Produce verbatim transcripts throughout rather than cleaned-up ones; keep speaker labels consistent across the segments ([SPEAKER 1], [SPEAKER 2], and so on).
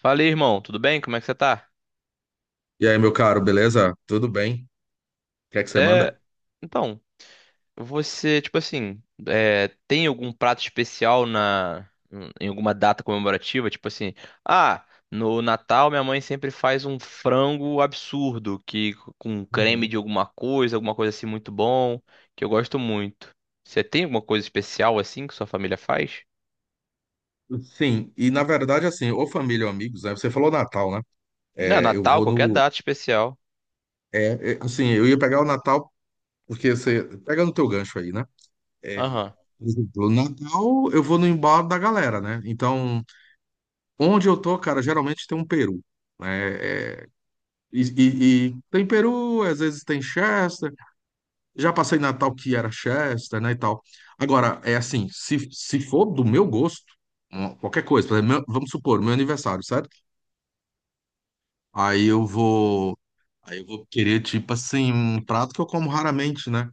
[SPEAKER 1] Fala aí, irmão, tudo bem? Como é que você tá?
[SPEAKER 2] E aí, meu caro, beleza? Tudo bem? O que é que você
[SPEAKER 1] É,
[SPEAKER 2] manda?
[SPEAKER 1] então, você, tipo assim, é, tem algum prato especial na em alguma data comemorativa? Tipo assim, ah, no Natal minha mãe sempre faz um frango absurdo, que com creme
[SPEAKER 2] Uhum.
[SPEAKER 1] de alguma coisa, alguma coisa assim muito bom, que eu gosto muito. Você tem alguma coisa especial assim que sua família faz?
[SPEAKER 2] Sim, e na verdade, assim, ou família ou amigos, né? Você falou Natal, né?
[SPEAKER 1] Não,
[SPEAKER 2] É, eu
[SPEAKER 1] Natal,
[SPEAKER 2] vou
[SPEAKER 1] qualquer
[SPEAKER 2] no.
[SPEAKER 1] data especial.
[SPEAKER 2] É, é, assim, eu ia pegar o Natal, porque você. Pega no teu gancho aí, né? É,
[SPEAKER 1] Aham.
[SPEAKER 2] por exemplo, o Natal, eu vou no embalo da galera, né? Então, onde eu tô, cara, geralmente tem um peru, né? É, e, e- e tem peru, às vezes tem Chester. Já passei Natal que era Chester, né, e tal. Agora, é assim, se, se for do meu gosto, um, qualquer coisa, por exemplo, meu- vamos supor, meu aniversário, certo? Aí eu vou, aí eu vou querer, tipo assim, um prato que eu como raramente, né?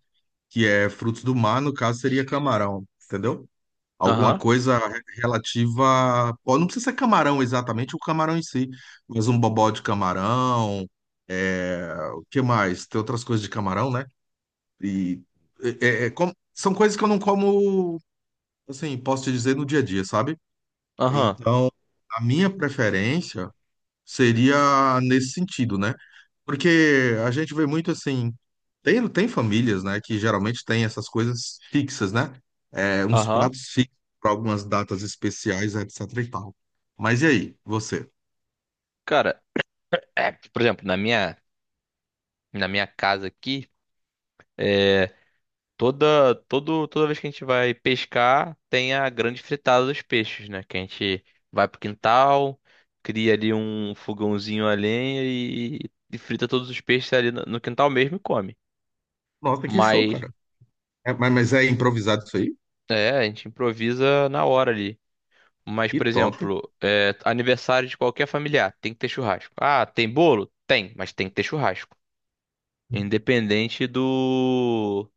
[SPEAKER 2] Que é frutos do mar, no caso seria camarão, entendeu? Alguma
[SPEAKER 1] Aham.
[SPEAKER 2] coisa re- relativa, pô, não precisa ser camarão exatamente, o camarão em si, mas um bobó de camarão. É, o que mais? Tem outras coisas de camarão, né? E é, é, é como- são coisas que eu não como, assim, posso te dizer no dia a dia, sabe?
[SPEAKER 1] Aham.
[SPEAKER 2] Então, a minha preferência seria nesse sentido, né? Porque a gente vê muito assim, tem, tem famílias, né, que geralmente tem essas coisas fixas, né? É, uns
[SPEAKER 1] Aham.
[SPEAKER 2] pratos fixos para algumas datas especiais, etc e tal. Mas e aí, você?
[SPEAKER 1] Cara, é, por exemplo, na minha na minha casa aqui, é, toda, todo, toda vez que a gente vai pescar, tem a grande fritada dos peixes, né? Que a gente vai pro quintal, cria ali um fogãozinho a lenha e, e frita todos os peixes ali no, no quintal mesmo e come.
[SPEAKER 2] Nossa, que show,
[SPEAKER 1] Mas,
[SPEAKER 2] cara. É, mas, mas é improvisado isso aí?
[SPEAKER 1] é, a gente improvisa na hora ali. Mas,
[SPEAKER 2] Que
[SPEAKER 1] por
[SPEAKER 2] top.
[SPEAKER 1] exemplo, é, aniversário de qualquer familiar, tem que ter churrasco. Ah, tem bolo? Tem, mas tem que ter churrasco. Independente do,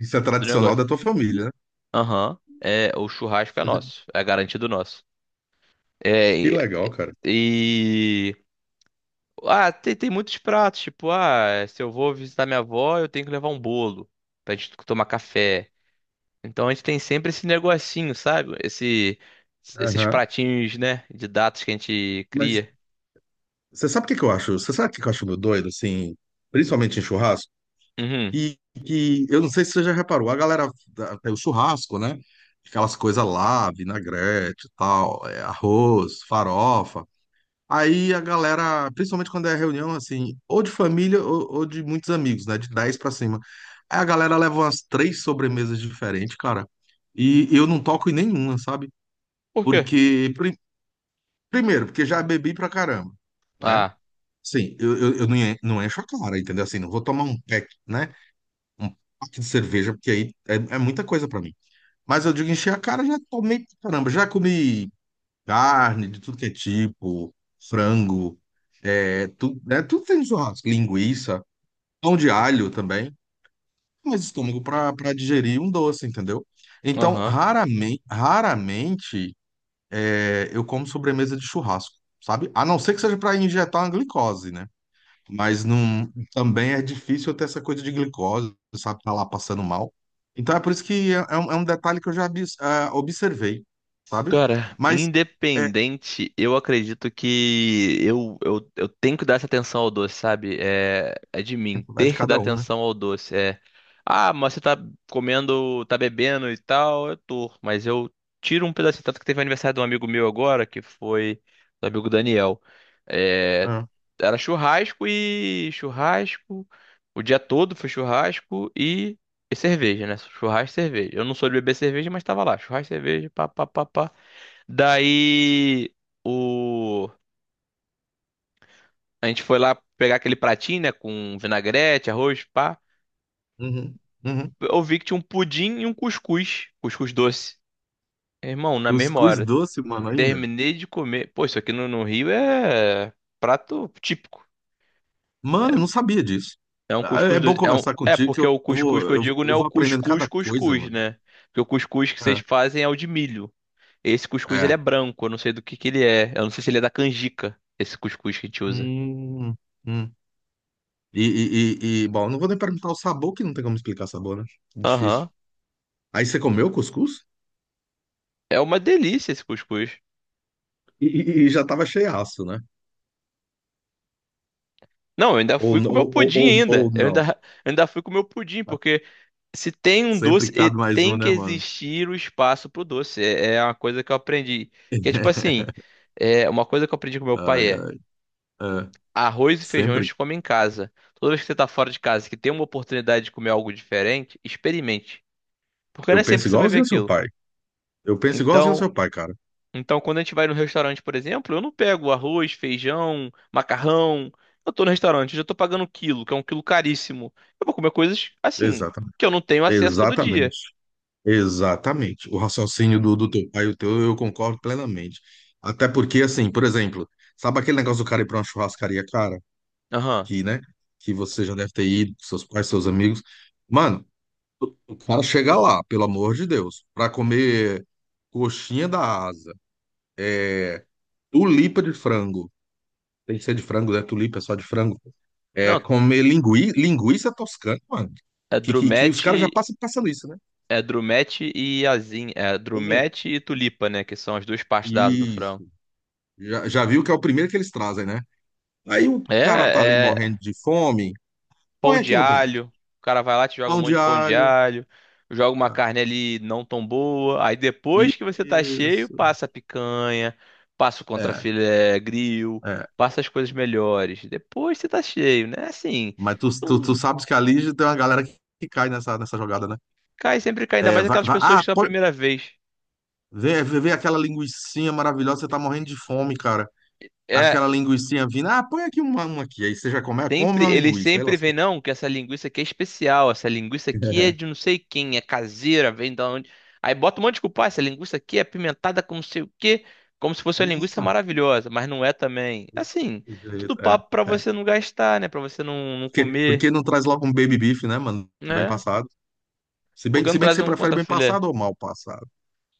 [SPEAKER 2] Isso é
[SPEAKER 1] do
[SPEAKER 2] tradicional
[SPEAKER 1] negócio.
[SPEAKER 2] da tua família, né?
[SPEAKER 1] Aham. É, o churrasco é nosso. É garantido nosso. É,
[SPEAKER 2] Que
[SPEAKER 1] e...
[SPEAKER 2] legal, cara.
[SPEAKER 1] e- Ah, tem, tem muitos pratos. Tipo, ah, se eu vou visitar minha avó, eu tenho que levar um bolo pra gente tomar café. Então a gente tem sempre esse negocinho, sabe? Esse... Esses
[SPEAKER 2] Aham.
[SPEAKER 1] pratinhos, né? De datas que a gente
[SPEAKER 2] Mas
[SPEAKER 1] cria.
[SPEAKER 2] você sabe o que que eu acho? Você sabe o que que eu acho meio doido, assim, principalmente em churrasco?
[SPEAKER 1] Uhum.
[SPEAKER 2] E que eu não sei se você já reparou, a galera da- tem o churrasco, né? Aquelas coisas lá, vinagrete e tal, é, arroz, farofa. Aí a galera, principalmente quando é reunião, assim, ou de família ou, ou de muitos amigos, né? De dez pra cima. Aí a galera leva umas três sobremesas diferentes, cara. E eu não toco em nenhuma, sabe?
[SPEAKER 1] Por quê?
[SPEAKER 2] Porque, pri- primeiro, porque já bebi pra caramba, né?
[SPEAKER 1] Ah,
[SPEAKER 2] Sim, eu, eu, eu não en- não encho a cara, entendeu? Assim, não vou tomar um pack, né? Um pack de cerveja, porque aí é, é muita coisa pra mim. Mas eu digo encher a cara, já tomei, pra caramba, já comi carne de tudo que é tipo, frango, é, tudo, né? Tudo tem churrasco, linguiça, pão de alho também, mas estômago pra, pra digerir um doce, entendeu? Então,
[SPEAKER 1] aham.
[SPEAKER 2] raramente, raramente, é, eu como sobremesa de churrasco, sabe? A não ser que seja pra injetar uma glicose, né? Mas não, também é difícil ter essa coisa de glicose, sabe? Tá lá passando mal. Então é por isso que é, é um, é um detalhe que eu já abis- ah, observei, sabe?
[SPEAKER 1] Cara,
[SPEAKER 2] Mas é,
[SPEAKER 1] independente, eu acredito que eu, eu, eu tenho que dar essa atenção ao doce, sabe? É, é de mim,
[SPEAKER 2] vai de
[SPEAKER 1] ter que dar
[SPEAKER 2] cada um, né?
[SPEAKER 1] atenção ao doce. É, ah, mas você tá comendo, tá bebendo e tal, eu tô, mas eu tiro um pedacinho. Tanto que teve o aniversário de um amigo meu agora, que foi do amigo Daniel. É,
[SPEAKER 2] Ah,
[SPEAKER 1] era churrasco e churrasco, o dia todo foi churrasco e, e cerveja, né? Churrasco e cerveja. Eu não sou de beber cerveja, mas tava lá, churrasco e cerveja, pá, pá, pá, pá. Daí o a gente foi lá pegar aquele pratinho, né, com vinagrete, arroz, pá.
[SPEAKER 2] uhum, uhum.
[SPEAKER 1] Eu vi que tinha um pudim e um cuscuz, cuscuz doce. Irmão, na mesma
[SPEAKER 2] Cuscuz
[SPEAKER 1] hora,
[SPEAKER 2] doce, mano, ainda?
[SPEAKER 1] terminei de comer. Pô, isso aqui no, no Rio é prato típico.
[SPEAKER 2] Mano,
[SPEAKER 1] É,
[SPEAKER 2] eu não sabia disso.
[SPEAKER 1] é um
[SPEAKER 2] Ah, é
[SPEAKER 1] cuscuz
[SPEAKER 2] bom
[SPEAKER 1] doce. É, um...
[SPEAKER 2] conversar
[SPEAKER 1] é,
[SPEAKER 2] contigo que
[SPEAKER 1] porque
[SPEAKER 2] eu
[SPEAKER 1] o cuscuz
[SPEAKER 2] vou,
[SPEAKER 1] que eu
[SPEAKER 2] eu, vou-
[SPEAKER 1] digo não é
[SPEAKER 2] eu
[SPEAKER 1] o
[SPEAKER 2] vou aprendendo
[SPEAKER 1] cuscuz
[SPEAKER 2] cada coisa,
[SPEAKER 1] cuscuz,
[SPEAKER 2] mano.
[SPEAKER 1] né? Porque o cuscuz que vocês
[SPEAKER 2] É,
[SPEAKER 1] fazem é o de milho. Esse cuscuz ele é
[SPEAKER 2] é.
[SPEAKER 1] branco, eu não sei do que que ele é. Eu não sei se ele é da canjica, esse cuscuz que a gente usa.
[SPEAKER 2] Hum, hum. E, e, e, e, bom, não vou nem perguntar o sabor, que não tem como explicar sabor, né? Difícil.
[SPEAKER 1] Aham,
[SPEAKER 2] Aí você comeu cuscuz?
[SPEAKER 1] é uma delícia esse cuscuz.
[SPEAKER 2] E, e- e já tava cheiaço, né?
[SPEAKER 1] Não, eu ainda
[SPEAKER 2] Ou,
[SPEAKER 1] fui
[SPEAKER 2] n-
[SPEAKER 1] com o meu
[SPEAKER 2] ou, ou,
[SPEAKER 1] pudim
[SPEAKER 2] ou,
[SPEAKER 1] ainda.
[SPEAKER 2] ou
[SPEAKER 1] Eu ainda,
[SPEAKER 2] não.
[SPEAKER 1] eu ainda fui com o meu pudim, porque se tem um
[SPEAKER 2] Sempre
[SPEAKER 1] doce, e-
[SPEAKER 2] cabe mais um,
[SPEAKER 1] tem que
[SPEAKER 2] né, mano?
[SPEAKER 1] existir o espaço pro doce. É, é uma coisa que eu aprendi. Que é tipo assim, é uma coisa que eu aprendi com meu pai
[SPEAKER 2] Ai,
[SPEAKER 1] é
[SPEAKER 2] ai, é.
[SPEAKER 1] arroz e feijão a
[SPEAKER 2] Sempre.
[SPEAKER 1] gente come em casa. Toda vez que você tá fora de casa, que tem uma oportunidade de comer algo diferente, experimente. Porque não
[SPEAKER 2] Eu
[SPEAKER 1] é sempre
[SPEAKER 2] penso
[SPEAKER 1] que você vai ver
[SPEAKER 2] igualzinho ao seu
[SPEAKER 1] aquilo.
[SPEAKER 2] pai. Eu penso igualzinho ao
[SPEAKER 1] Então,
[SPEAKER 2] seu pai, cara.
[SPEAKER 1] Então, quando a gente vai no restaurante, por exemplo, eu não pego arroz, feijão, macarrão. Eu tô no restaurante, eu já tô pagando um quilo, que é um quilo caríssimo. Eu vou comer coisas assim,
[SPEAKER 2] Exatamente.
[SPEAKER 1] que eu não tenho acesso todo dia.
[SPEAKER 2] Exatamente. Exatamente. O raciocínio do, do teu pai e o teu, eu concordo plenamente. Até porque, assim, por exemplo, sabe aquele negócio do cara ir pra uma churrascaria cara?
[SPEAKER 1] Aham.
[SPEAKER 2] Que, né? Que você já deve ter ido, seus pais, seus amigos. Mano, o cara chega lá, pelo amor de Deus, para comer coxinha da asa, é, tulipa de frango. Tem que ser de frango, né? Tulipa é só de frango. É
[SPEAKER 1] Não,
[SPEAKER 2] comer lingui... linguiça toscana, mano.
[SPEAKER 1] é
[SPEAKER 2] Que, que, que os caras já
[SPEAKER 1] drumete,
[SPEAKER 2] passam passando isso, né?
[SPEAKER 1] é drumete e asinha, é
[SPEAKER 2] É.
[SPEAKER 1] drumete e tulipa, né, que são as duas partes da asa do frango.
[SPEAKER 2] Isso. Já, já viu que é o primeiro que eles trazem, né? Aí o cara tá ali morrendo
[SPEAKER 1] É,
[SPEAKER 2] de fome,
[SPEAKER 1] pão
[SPEAKER 2] põe
[SPEAKER 1] de
[SPEAKER 2] aqui no prato.
[SPEAKER 1] alho. O cara vai lá, te joga um
[SPEAKER 2] Pão
[SPEAKER 1] monte
[SPEAKER 2] de
[SPEAKER 1] de pão de
[SPEAKER 2] alho.
[SPEAKER 1] alho, joga uma
[SPEAKER 2] Ah,
[SPEAKER 1] carne ali não tão boa. Aí depois que você tá cheio,
[SPEAKER 2] isso.
[SPEAKER 1] passa a picanha, passa o
[SPEAKER 2] É,
[SPEAKER 1] contrafilé grill,
[SPEAKER 2] é.
[SPEAKER 1] passa as coisas melhores. Depois você tá cheio, né? Assim,
[SPEAKER 2] Mas tu, tu, tu
[SPEAKER 1] não
[SPEAKER 2] sabes que ali tem uma galera que que cai nessa, nessa jogada, né?
[SPEAKER 1] cai, sempre cai, ainda
[SPEAKER 2] É,
[SPEAKER 1] mais
[SPEAKER 2] vai,
[SPEAKER 1] aquelas
[SPEAKER 2] vai-
[SPEAKER 1] pessoas que
[SPEAKER 2] ah,
[SPEAKER 1] são a
[SPEAKER 2] pode,
[SPEAKER 1] primeira vez.
[SPEAKER 2] vê, vê vê aquela linguicinha maravilhosa, você tá morrendo de fome, cara. Aquela
[SPEAKER 1] É,
[SPEAKER 2] linguicinha vindo, ah, põe aqui uma, uma aqui. Aí você já come, ah, come
[SPEAKER 1] sempre,
[SPEAKER 2] uma
[SPEAKER 1] ele
[SPEAKER 2] linguiça, aí
[SPEAKER 1] sempre vem,
[SPEAKER 2] lascou.
[SPEAKER 1] não, que essa linguiça aqui é especial, essa linguiça aqui é de não sei quem, é caseira, vem da onde. Aí bota um monte de culpa, "Ah, essa linguiça aqui é apimentada com não sei o quê, como se fosse
[SPEAKER 2] É.
[SPEAKER 1] uma linguiça
[SPEAKER 2] Ah,
[SPEAKER 1] maravilhosa, mas não é também. Assim,
[SPEAKER 2] desse
[SPEAKER 1] tudo
[SPEAKER 2] jeito, é,
[SPEAKER 1] papo pra
[SPEAKER 2] é.
[SPEAKER 1] você não gastar, né? Pra você não, não
[SPEAKER 2] Porque,
[SPEAKER 1] comer,
[SPEAKER 2] porque não traz logo um baby beef, né, mano? Bem
[SPEAKER 1] né?
[SPEAKER 2] passado. Se
[SPEAKER 1] Por
[SPEAKER 2] bem,
[SPEAKER 1] que
[SPEAKER 2] se
[SPEAKER 1] não
[SPEAKER 2] bem que
[SPEAKER 1] traz
[SPEAKER 2] você
[SPEAKER 1] um
[SPEAKER 2] prefere bem
[SPEAKER 1] contrafilé?
[SPEAKER 2] passado ou mal passado.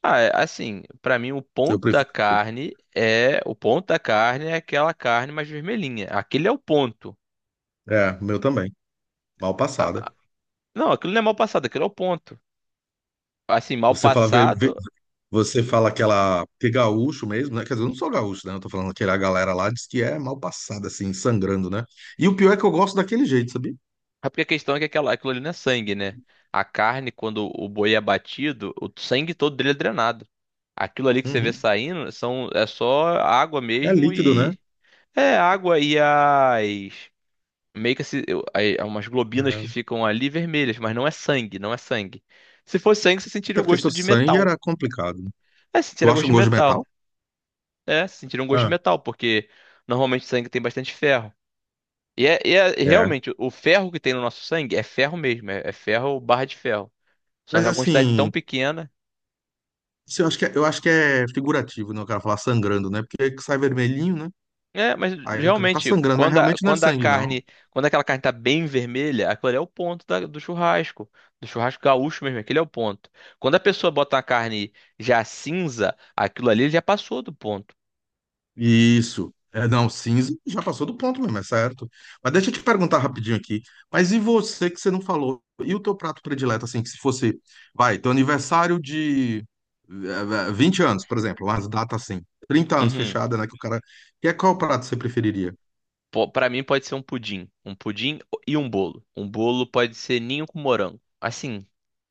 [SPEAKER 1] Ah, é, assim, pra mim o
[SPEAKER 2] Eu
[SPEAKER 1] ponto da
[SPEAKER 2] prefiro. eu-
[SPEAKER 1] carne é, o ponto da carne é aquela carne mais vermelhinha. Aquele é o ponto.
[SPEAKER 2] É, o meu também. Mal passada.
[SPEAKER 1] Ah, não, aquilo não é mal passado, aquilo é o ponto assim, mal
[SPEAKER 2] Você fala, vê, vê-
[SPEAKER 1] passado.
[SPEAKER 2] Você fala aquela. Que gaúcho mesmo, né? Quer dizer, eu não sou gaúcho, né? Eu tô falando que a galera lá diz que é mal passada, assim, sangrando, né? E o pior é que eu gosto daquele jeito, sabia?
[SPEAKER 1] É porque a questão é que aquela, aquilo ali não é sangue, né? A carne, quando o boi é abatido, o sangue todo dele é drenado. Aquilo ali que você vê
[SPEAKER 2] Uhum.
[SPEAKER 1] saindo são, é só água
[SPEAKER 2] É
[SPEAKER 1] mesmo
[SPEAKER 2] líquido, né?
[SPEAKER 1] e. É, água e as. Meio que se, eu- aí, há umas globinas que
[SPEAKER 2] É.
[SPEAKER 1] ficam ali vermelhas, mas não é sangue, não é sangue. Se fosse sangue, você sentiria
[SPEAKER 2] Até
[SPEAKER 1] o
[SPEAKER 2] porque
[SPEAKER 1] gosto
[SPEAKER 2] seu
[SPEAKER 1] de
[SPEAKER 2] sangue
[SPEAKER 1] metal.
[SPEAKER 2] era complicado, né?
[SPEAKER 1] É,
[SPEAKER 2] Tu
[SPEAKER 1] sentiria gosto
[SPEAKER 2] acha um
[SPEAKER 1] de
[SPEAKER 2] gosto de metal?
[SPEAKER 1] metal. É, sentiria um gosto de
[SPEAKER 2] Ah,
[SPEAKER 1] metal, porque normalmente sangue tem bastante ferro. E é, e é- e
[SPEAKER 2] é.
[SPEAKER 1] realmente, o ferro que tem no nosso sangue é ferro mesmo, é é ferro barra de ferro. Só
[SPEAKER 2] Mas
[SPEAKER 1] que é uma quantidade tão
[SPEAKER 2] assim,
[SPEAKER 1] pequena.
[SPEAKER 2] assim, eu acho que é, eu acho que é figurativo, né? O cara falar sangrando, né? Porque sai vermelhinho, né?
[SPEAKER 1] É, mas
[SPEAKER 2] Aí o cara tá
[SPEAKER 1] realmente,
[SPEAKER 2] sangrando, mas
[SPEAKER 1] quando a,
[SPEAKER 2] realmente não é
[SPEAKER 1] quando a
[SPEAKER 2] sangue, não.
[SPEAKER 1] carne, quando aquela carne tá bem vermelha, aquilo ali é o ponto da- do churrasco. Do churrasco gaúcho mesmo, aquele é o ponto. Quando a pessoa bota a carne já cinza, aquilo ali já passou do ponto.
[SPEAKER 2] Isso. É, não, cinza já passou do ponto mesmo, é certo. Mas deixa eu te perguntar rapidinho aqui. Mas e você que você não falou? E o teu prato predileto, assim, que se fosse, vai, teu aniversário de eh, eh, vinte anos, por exemplo, umas datas assim, trinta anos
[SPEAKER 1] Uhum.
[SPEAKER 2] fechada, né, que o cara... que é qual prato você preferiria?
[SPEAKER 1] Po- Pra mim pode ser um pudim. Um pudim e um bolo. Um bolo pode ser ninho com morango. Assim,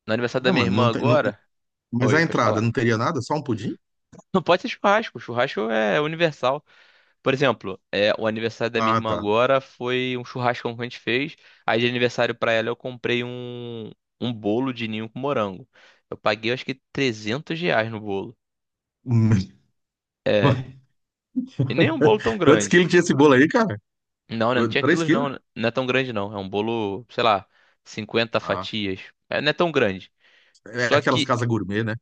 [SPEAKER 1] no aniversário da
[SPEAKER 2] Ah,
[SPEAKER 1] minha
[SPEAKER 2] mano,
[SPEAKER 1] irmã
[SPEAKER 2] não tem, não,
[SPEAKER 1] agora.
[SPEAKER 2] mas
[SPEAKER 1] Oi,
[SPEAKER 2] a
[SPEAKER 1] pode
[SPEAKER 2] entrada
[SPEAKER 1] falar.
[SPEAKER 2] não teria nada? Só um pudim?
[SPEAKER 1] Não pode ser churrasco. Churrasco é universal. Por exemplo, é, o aniversário da minha
[SPEAKER 2] Ah,
[SPEAKER 1] irmã
[SPEAKER 2] tá.
[SPEAKER 1] agora foi um churrascão que a gente fez. Aí de aniversário pra ela eu comprei um, um bolo de ninho com morango. Eu paguei acho que trezentos reais no bolo. É, e nem é um bolo tão
[SPEAKER 2] Quantos
[SPEAKER 1] grande.
[SPEAKER 2] quilos tinha esse bolo aí, cara?
[SPEAKER 1] Não, né? Não
[SPEAKER 2] Dois-
[SPEAKER 1] tinha
[SPEAKER 2] Três
[SPEAKER 1] quilos não,
[SPEAKER 2] quilos?
[SPEAKER 1] né? Não é tão grande não. É um bolo, sei lá, cinquenta
[SPEAKER 2] Ah,
[SPEAKER 1] fatias. É, não é tão grande.
[SPEAKER 2] é
[SPEAKER 1] Só
[SPEAKER 2] aquelas
[SPEAKER 1] que
[SPEAKER 2] casas gourmet, né?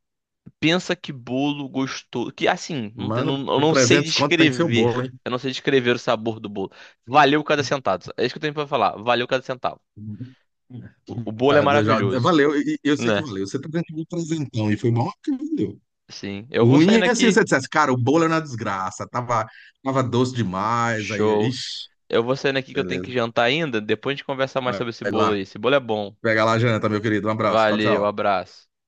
[SPEAKER 1] pensa que bolo gostoso. Que assim, não, tem- não-
[SPEAKER 2] Mano,
[SPEAKER 1] eu
[SPEAKER 2] com
[SPEAKER 1] não sei
[SPEAKER 2] trezentos conto tem que ser o
[SPEAKER 1] descrever.
[SPEAKER 2] bolo, hein?
[SPEAKER 1] Eu não sei descrever o sabor do bolo. Valeu cada centavo. É isso que eu tenho pra falar. Valeu cada centavo. O bolo é
[SPEAKER 2] Nada, já,
[SPEAKER 1] maravilhoso,
[SPEAKER 2] valeu, e- e eu sei que
[SPEAKER 1] né?
[SPEAKER 2] valeu. Você tá dando de presentão e foi bom que valeu.
[SPEAKER 1] Sim. Eu vou
[SPEAKER 2] Ruim
[SPEAKER 1] saindo
[SPEAKER 2] é se
[SPEAKER 1] aqui.
[SPEAKER 2] você dissesse, cara, o bolo é uma desgraça, tava, tava doce demais, aí,
[SPEAKER 1] Show.
[SPEAKER 2] ixi,
[SPEAKER 1] Eu vou saindo aqui que eu tenho que
[SPEAKER 2] beleza.
[SPEAKER 1] jantar ainda. Depois a gente conversa mais
[SPEAKER 2] Vai
[SPEAKER 1] sobre esse
[SPEAKER 2] vai lá,
[SPEAKER 1] bolo aí. Esse bolo é bom.
[SPEAKER 2] pega lá a janta, meu querido. Um abraço, tchau,
[SPEAKER 1] Valeu,
[SPEAKER 2] tchau.
[SPEAKER 1] abraço.